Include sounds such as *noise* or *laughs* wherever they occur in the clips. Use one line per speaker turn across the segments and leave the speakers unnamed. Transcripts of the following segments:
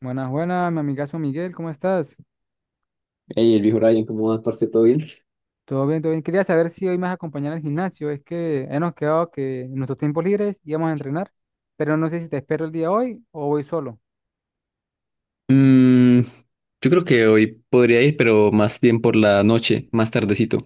Buenas, buenas, mi amigazo Miguel, ¿cómo estás?
Hey, el viejo Ryan, ¿cómo vas, parce? ¿Todo bien?
Todo bien, todo bien. Quería saber si hoy me vas a acompañar al gimnasio. Es que hemos quedado que en nuestros tiempos libres íbamos a entrenar, pero no sé si te espero el día hoy o voy solo.
Mm, yo creo que hoy podría ir, pero más bien por la noche, más tardecito.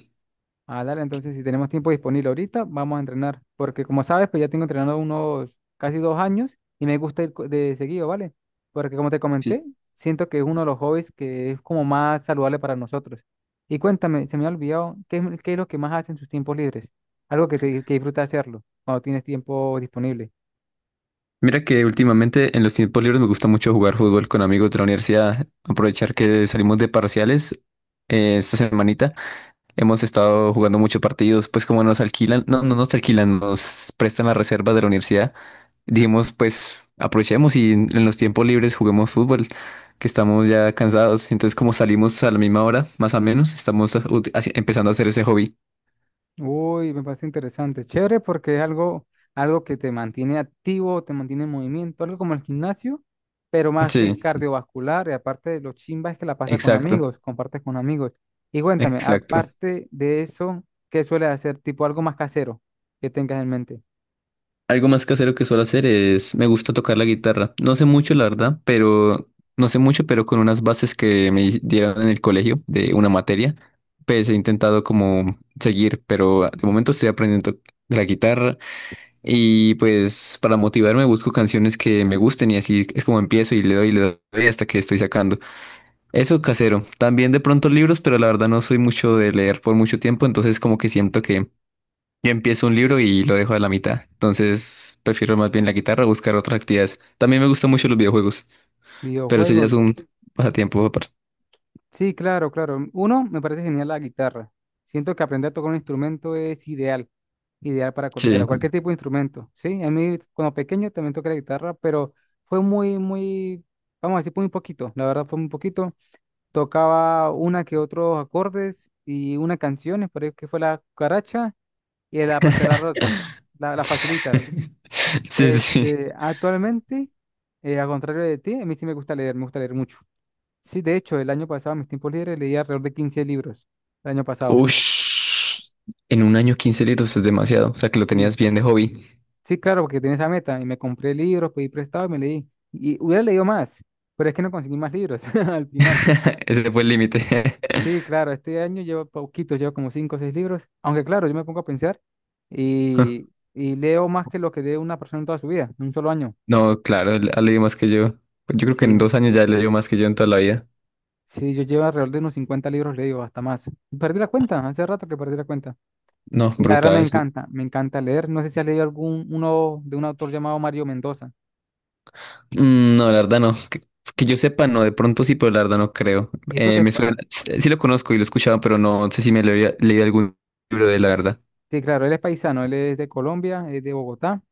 Ah, dale, entonces si tenemos tiempo disponible ahorita, vamos a entrenar, porque como sabes, pues ya tengo entrenando unos casi 2 años y me gusta ir de seguido, ¿vale? Porque como te comenté,
Sí.
siento que es uno de los hobbies que es como más saludable para nosotros. Y cuéntame, se me ha olvidado, qué es lo que más haces en sus tiempos libres? Algo que te que disfruta hacerlo cuando tienes tiempo disponible.
Mira que últimamente en los tiempos libres me gusta mucho jugar fútbol con amigos de la universidad, aprovechar que salimos de parciales esta semanita. Hemos estado jugando muchos partidos, pues como nos alquilan, no, no nos alquilan, nos prestan las reservas de la universidad. Dijimos, pues aprovechemos y en los tiempos libres juguemos fútbol, que estamos ya cansados. Entonces, como salimos a la misma hora, más o menos, estamos empezando a hacer ese hobby.
Uy, me parece interesante. Chévere porque es algo que te mantiene activo, te mantiene en movimiento, algo como el gimnasio, pero más que
Sí,
cardiovascular. Y aparte de lo chimba es que la pasa con
exacto,
amigos, compartes con amigos. Y cuéntame,
exacto.
aparte de eso, ¿qué sueles hacer? Tipo algo más casero que tengas en mente.
Algo más casero que suelo hacer es, me gusta tocar la guitarra. No sé mucho, la verdad, pero no sé mucho, pero con unas bases que me dieron en el colegio de una materia, pues he intentado como seguir, pero de momento estoy aprendiendo la guitarra y pues para motivarme busco canciones que me gusten y así es como empiezo y le doy hasta que estoy sacando. Eso casero. También de pronto libros, pero la verdad no soy mucho de leer por mucho tiempo, entonces como que siento que yo empiezo un libro y lo dejo a la mitad. Entonces prefiero más bien la guitarra o buscar otras actividades. También me gustan mucho los videojuegos, pero eso ya es
Videojuegos.
un pasatiempo aparte.
Sí, claro, claro. Uno, me parece genial la guitarra. Siento que aprender a tocar un instrumento es ideal, ideal para cualquiera,
Sí.
cualquier tipo de instrumento. Sí, a mí cuando pequeño también toqué la guitarra, pero fue muy, muy, vamos a decir, muy poquito. La verdad fue muy poquito. Tocaba una que otros acordes y una canción, por ahí que fue la Cucaracha y la Pantera Rosa, las facilitas.
*laughs* Sí, sí.
Este, actualmente, al contrario de ti, a mí sí me gusta leer mucho. Sí, de hecho, el año pasado, en mis tiempos libres, leí alrededor de 15 libros. El año pasado.
Uy. En un año 15 libros es demasiado. O sea que lo tenías
Sí,
bien de hobby.
sí, claro, porque tenía esa meta. Y me compré libros, pedí prestado y me leí. Y hubiera leído más, pero es que no conseguí más libros *laughs* al final.
*laughs* Ese fue el límite.
Sí, claro, este año llevo poquitos, llevo como 5 o 6 libros. Aunque, claro, yo me pongo a pensar y,
*laughs*
y leo más que lo que lee una persona en toda su vida, en un solo año.
No, claro, él ha leído más que yo. Yo creo que
Sí,
en 2 años ya leyó más que yo en toda la vida.
sí, yo llevo alrededor de unos 50 libros leídos, hasta más. Perdí la cuenta, hace rato que perdí la cuenta.
No,
Y la verdad
brutal.
me encanta leer. No sé si has leído algún, uno de un autor llamado Mario Mendoza.
Mm, no, la verdad no. Que yo sepa, no, de pronto sí, pero la verdad no creo.
Y eso que es,
Me suena, sí lo conozco y lo he escuchado, pero no sé si me lo había leído algún libro de él, la verdad.
sí, claro, él es paisano, él es de Colombia, es de Bogotá.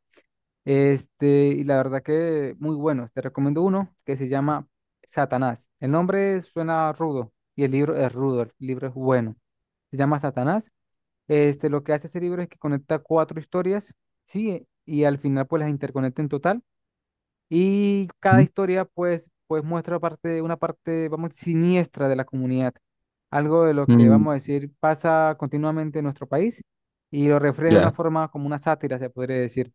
Este, y la verdad que muy bueno. Te recomiendo uno que se llama Satanás. El nombre suena rudo y el libro es rudo, el libro es bueno. Se llama Satanás. Este, lo que hace ese libro es que conecta cuatro historias, sí, y al final pues las interconecta en total. Y cada
Ujú.
historia, pues muestra una parte, vamos, siniestra de la comunidad. Algo de lo que,
Mm,
vamos a decir, pasa continuamente en nuestro país y lo refleja de una
ya.
forma como una sátira, se podría decir.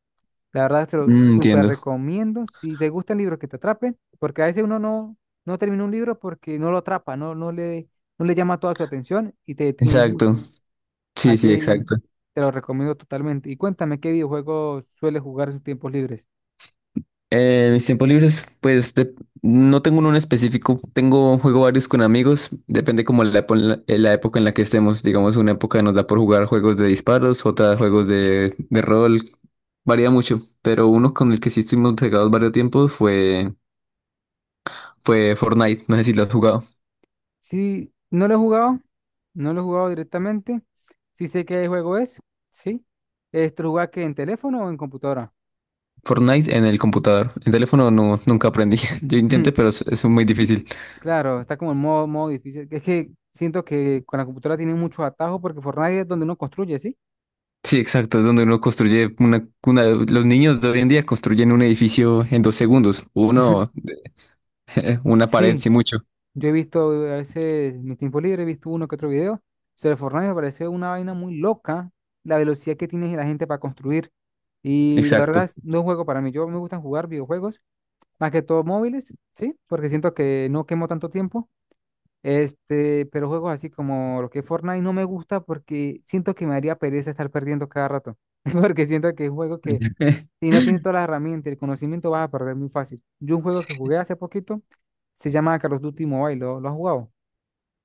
La verdad, se lo
Mm,
súper
entiendo.
recomiendo. Si te gustan libros que te atrapen, porque a veces uno no termina un libro porque no lo atrapa, no, no le llama toda su atención y te detienes
Exacto.
mucho.
Sí, sí,
Así
exacto.
te lo recomiendo totalmente. Y cuéntame, ¿qué videojuegos sueles jugar en sus tiempos libres?
Mis tiempos libres, no tengo uno en específico, tengo juego varios con amigos, depende como la época en la que estemos, digamos una época nos da por jugar juegos de disparos, otra juegos de rol, varía mucho, pero uno con el que sí estuvimos pegados varios tiempos fue Fortnite. No sé si lo has jugado.
Sí, no lo he jugado, no lo he jugado directamente. Sí sé qué juego es, sí. ¿Esto lo juega que en teléfono o en computadora?
Fortnite en el computador. En teléfono no, nunca aprendí. *laughs* Yo
*laughs*
intenté,
*clears throat*
pero es muy difícil.
Claro, está como en modo difícil. Es que siento que con la computadora tiene muchos atajos porque Fortnite es donde uno construye, ¿sí?
Sí, exacto, es donde uno construye Los niños de hoy en día construyen un edificio en 2 segundos.
*laughs*
Uno, *laughs* una pared,
Sí,
sí mucho.
yo he visto a veces en mi tiempo libre, he visto uno que otro video sobre Fortnite, me parece una vaina muy loca la velocidad que tiene la gente para construir. Y la
Exacto.
verdad no es un juego para mí. Yo me gusta jugar videojuegos más que todo móviles, sí, porque siento que no quemo tanto tiempo. Este, pero juegos así como lo que es Fortnite no me gusta porque siento que me haría pereza estar perdiendo cada rato. *laughs* Porque siento que es un juego que
*laughs*
si no tiene todas las herramientas y el conocimiento vas a perder muy fácil. Yo un juego que jugué hace poquito se llama Call of Duty Mobile, ¿lo has jugado?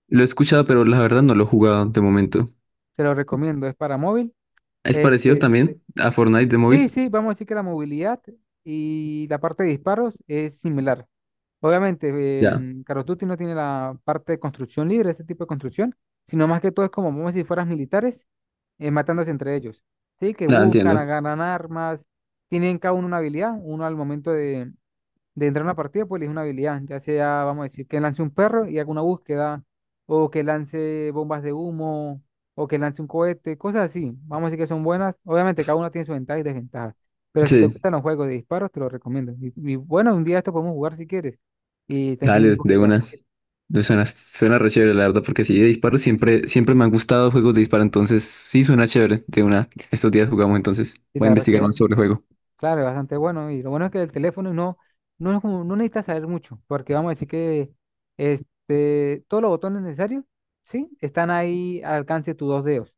Lo he escuchado, pero la verdad no lo he jugado de momento.
Te lo recomiendo, es para móvil.
¿Es parecido
Este,
también a Fortnite de
sí,
móvil?
sí, vamos a decir que la movilidad y la parte de disparos es similar. Obviamente,
Ya,
en Call of Duty no tiene la parte de construcción libre, ese tipo de construcción, sino más que todo es como, vamos a decir, fueras militares, matándose entre ellos. Sí, que
la
buscan,
entiendo.
agarran armas, tienen cada uno una habilidad, uno al momento de entrar a una partida, pues elige una habilidad, ya sea, vamos a decir, que lance un perro y haga una búsqueda, o que lance bombas de humo, o que lance un cohete, cosas así. Vamos a decir que son buenas. Obviamente, cada una tiene sus ventajas y desventajas, pero si te
Sí,
gustan los juegos de disparos, te los recomiendo. Y bueno, un día esto podemos jugar si quieres y te enseño un
dale, de
poquito.
una. Pues suena, suena re chévere, la verdad, porque sí, de disparos siempre, siempre me han gustado juegos de disparo, entonces sí suena chévere. De una, estos días jugamos, entonces
Y
voy a
la verdad es
investigar
que,
más sobre el juego.
claro, es bastante bueno. Y lo bueno es que el teléfono no, no es como, no necesitas saber mucho, porque vamos a decir que este, todos los botones necesarios, ¿sí? Están ahí al alcance de tus dos dedos.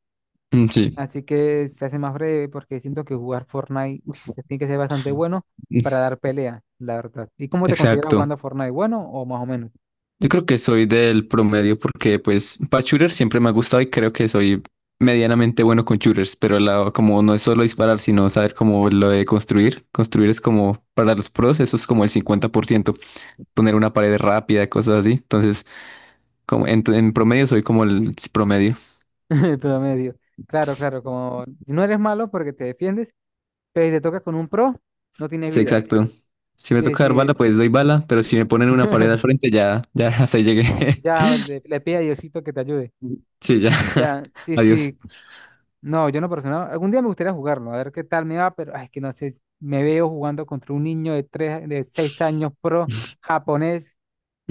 Mm. Sí,
Así que se hace más breve porque siento que jugar Fortnite, uy, se tiene que ser bastante bueno
*laughs* mm,
para dar pelea, la verdad. ¿Y cómo te consideras
exacto.
jugando Fortnite? ¿Bueno o más o menos?
Yo creo que soy del promedio porque, pues, para shooter siempre me ha gustado y creo que soy medianamente bueno con shooters, pero como no es solo disparar, sino saber cómo lo de construir. Construir es como, para los pros, eso es como el 50%, poner una pared rápida, cosas así. Entonces, como en promedio soy como el promedio.
*laughs* pero medio Claro, claro, como no eres malo porque te defiendes, pero si te tocas con un pro, no tienes
Sí,
vida.
exacto. Si me
Sí,
toca dar bala,
sí,
pues doy bala, pero si me ponen una pared al frente, ya, ya *laughs* hasta ahí llegué. *laughs*
ya le pide a Diosito que te ayude.
Sí, ya.
Ya,
*laughs*
sí,
Adiós.
sí. No, yo no personal. Algún día me gustaría jugarlo, a ver qué tal me va, pero ay, es que no sé, me veo jugando contra un niño de tres, de 6 años pro japonés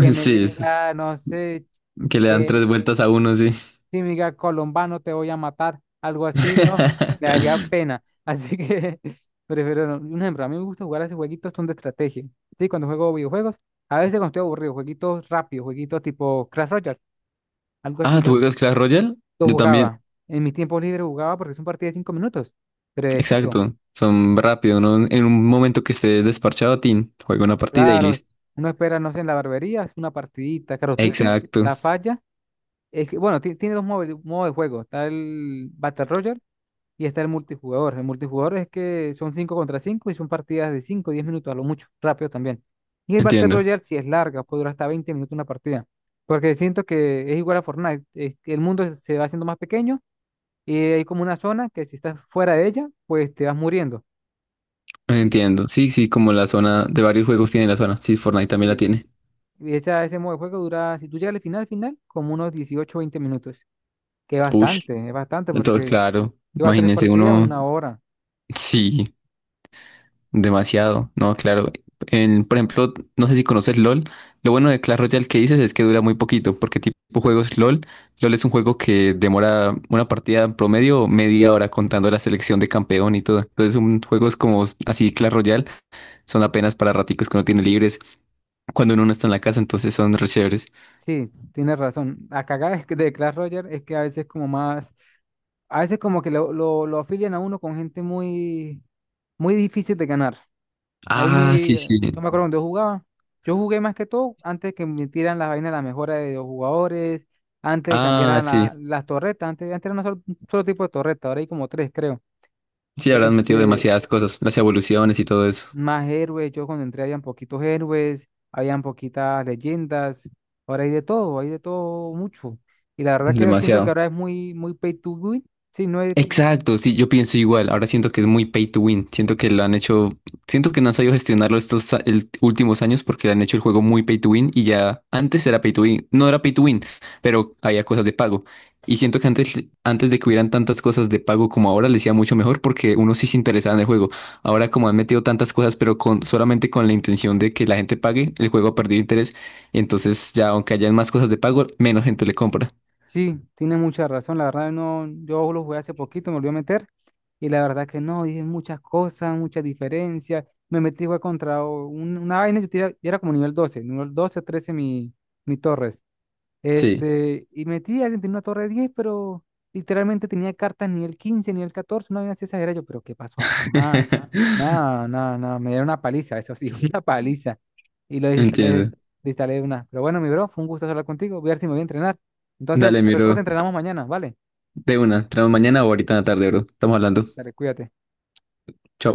que me
Sí,
diga, no sé,
que le dan 3
eh,
vueltas a uno, sí.
si me diga colombano te voy a matar, algo así, ¿no? Me daría
*laughs*
pena. Así que *laughs* prefiero no. Un ejemplo, a mí me gusta jugar a esos jueguitos son de estrategia. Sí, cuando juego videojuegos, a veces cuando estoy aburrido, jueguitos rápidos, jueguitos tipo Crash Royale, algo
Ah,
así.
¿tú juegas Clash Royale?
Lo
Yo también.
jugaba. En mi tiempo libre jugaba porque es un partido de 5 minutos. Brevecito.
Exacto. Son rápido, ¿no? En un momento que estés desparchado, tin, juega una partida y
Claro,
listo.
uno espera, no sé, en la barbería, es una partidita. Caro Tutti,
Exacto.
la falla. Es que, bueno, tiene dos modos de juego. Está el Battle Royale y está el multijugador. El multijugador es que son cinco contra cinco y son partidas de cinco, 10 minutos a lo mucho, rápido también. Y el Battle
Entiendo.
Royale si es larga, puede durar hasta 20 minutos una partida. Porque siento que es igual a Fortnite, es que el mundo se va haciendo más pequeño y hay como una zona que si estás fuera de ella, pues te vas muriendo. Sí,
Entiendo. Sí, sí, como la zona de varios juegos tiene la zona. Sí, Fortnite también la
sí.
tiene.
Y ese modo de juego dura, si tú llegas al final, final, como unos 18 o 20 minutos. Que
Ush.
es bastante
Entonces,
porque
claro.
lleva tres
Imagínense
partidas,
uno.
una hora.
Sí. Demasiado, no, claro. En, por ejemplo, no sé si conoces LOL. Lo bueno de Clash Royale que dices es que dura muy poquito, porque tipo juegos LOL, LOL es un juego que demora una partida en promedio media hora contando la selección de campeón y todo. Entonces, juegos como así Clash Royale son apenas para raticos que uno tiene libres cuando uno no está en la casa, entonces son re chéveres.
Sí, tienes razón. La cagada es que de Clash Royale es que a veces como más, a veces como que lo afilian a uno con gente muy, muy difícil de ganar.
Ah, sí, sí.
Yo me acuerdo cuando yo jugaba. Yo jugué más que todo antes que metieran las vainas, la mejora de los jugadores, antes que
Ah,
cambiaran
sí.
las torretas. Antes, antes era un solo tipo de torreta, ahora hay como tres, creo.
Sí, habrán metido
Este,
demasiadas cosas, las evoluciones y todo eso.
más héroes, yo cuando entré habían poquitos héroes, habían poquitas leyendas, ahora hay de todo mucho. Y la verdad que yo siento que
Demasiado.
ahora es muy, muy pay to win. Sí, no es,
Exacto, sí, yo pienso igual. Ahora siento que es muy pay to win. Siento que lo han hecho, siento que no han sabido gestionarlo estos últimos años porque han hecho el juego muy pay to win y ya antes era pay to win, no era pay to win, pero había cosas de pago. Y siento que antes, antes de que hubieran tantas cosas de pago como ahora, les iba mucho mejor porque uno sí se interesaba en el juego. Ahora como han metido tantas cosas, pero con, solamente con la intención de que la gente pague, el juego ha perdido interés. Entonces ya aunque hayan más cosas de pago, menos gente le compra.
sí, tiene mucha razón. La verdad no, yo lo jugué hace poquito, me volví a meter. Y la verdad que no, dije muchas cosas, muchas diferencias. Me metí a jugar contra una vaina, yo era como nivel 12, 13 mi Torres.
Sí.
Este, y metí, alguien tenía una torre de 10 pero literalmente tenía cartas ni el 15 ni el 14 no había así exagerado. Yo, pero ¿qué pasó acá? Ah,
*laughs*
no, no, no, me dieron una paliza, eso sí, *laughs* una paliza. Y lo desinstalé,
Entiendo.
desinstalé una. Pero bueno, mi bro, fue un gusto hablar contigo. Voy a ver si me voy a entrenar. Entonces,
Dale,
pues
miro.
cosa entrenamos mañana, ¿vale?
De una, tenemos mañana o ahorita en la tarde, bro. Estamos hablando.
Dale, cuídate.
Chao.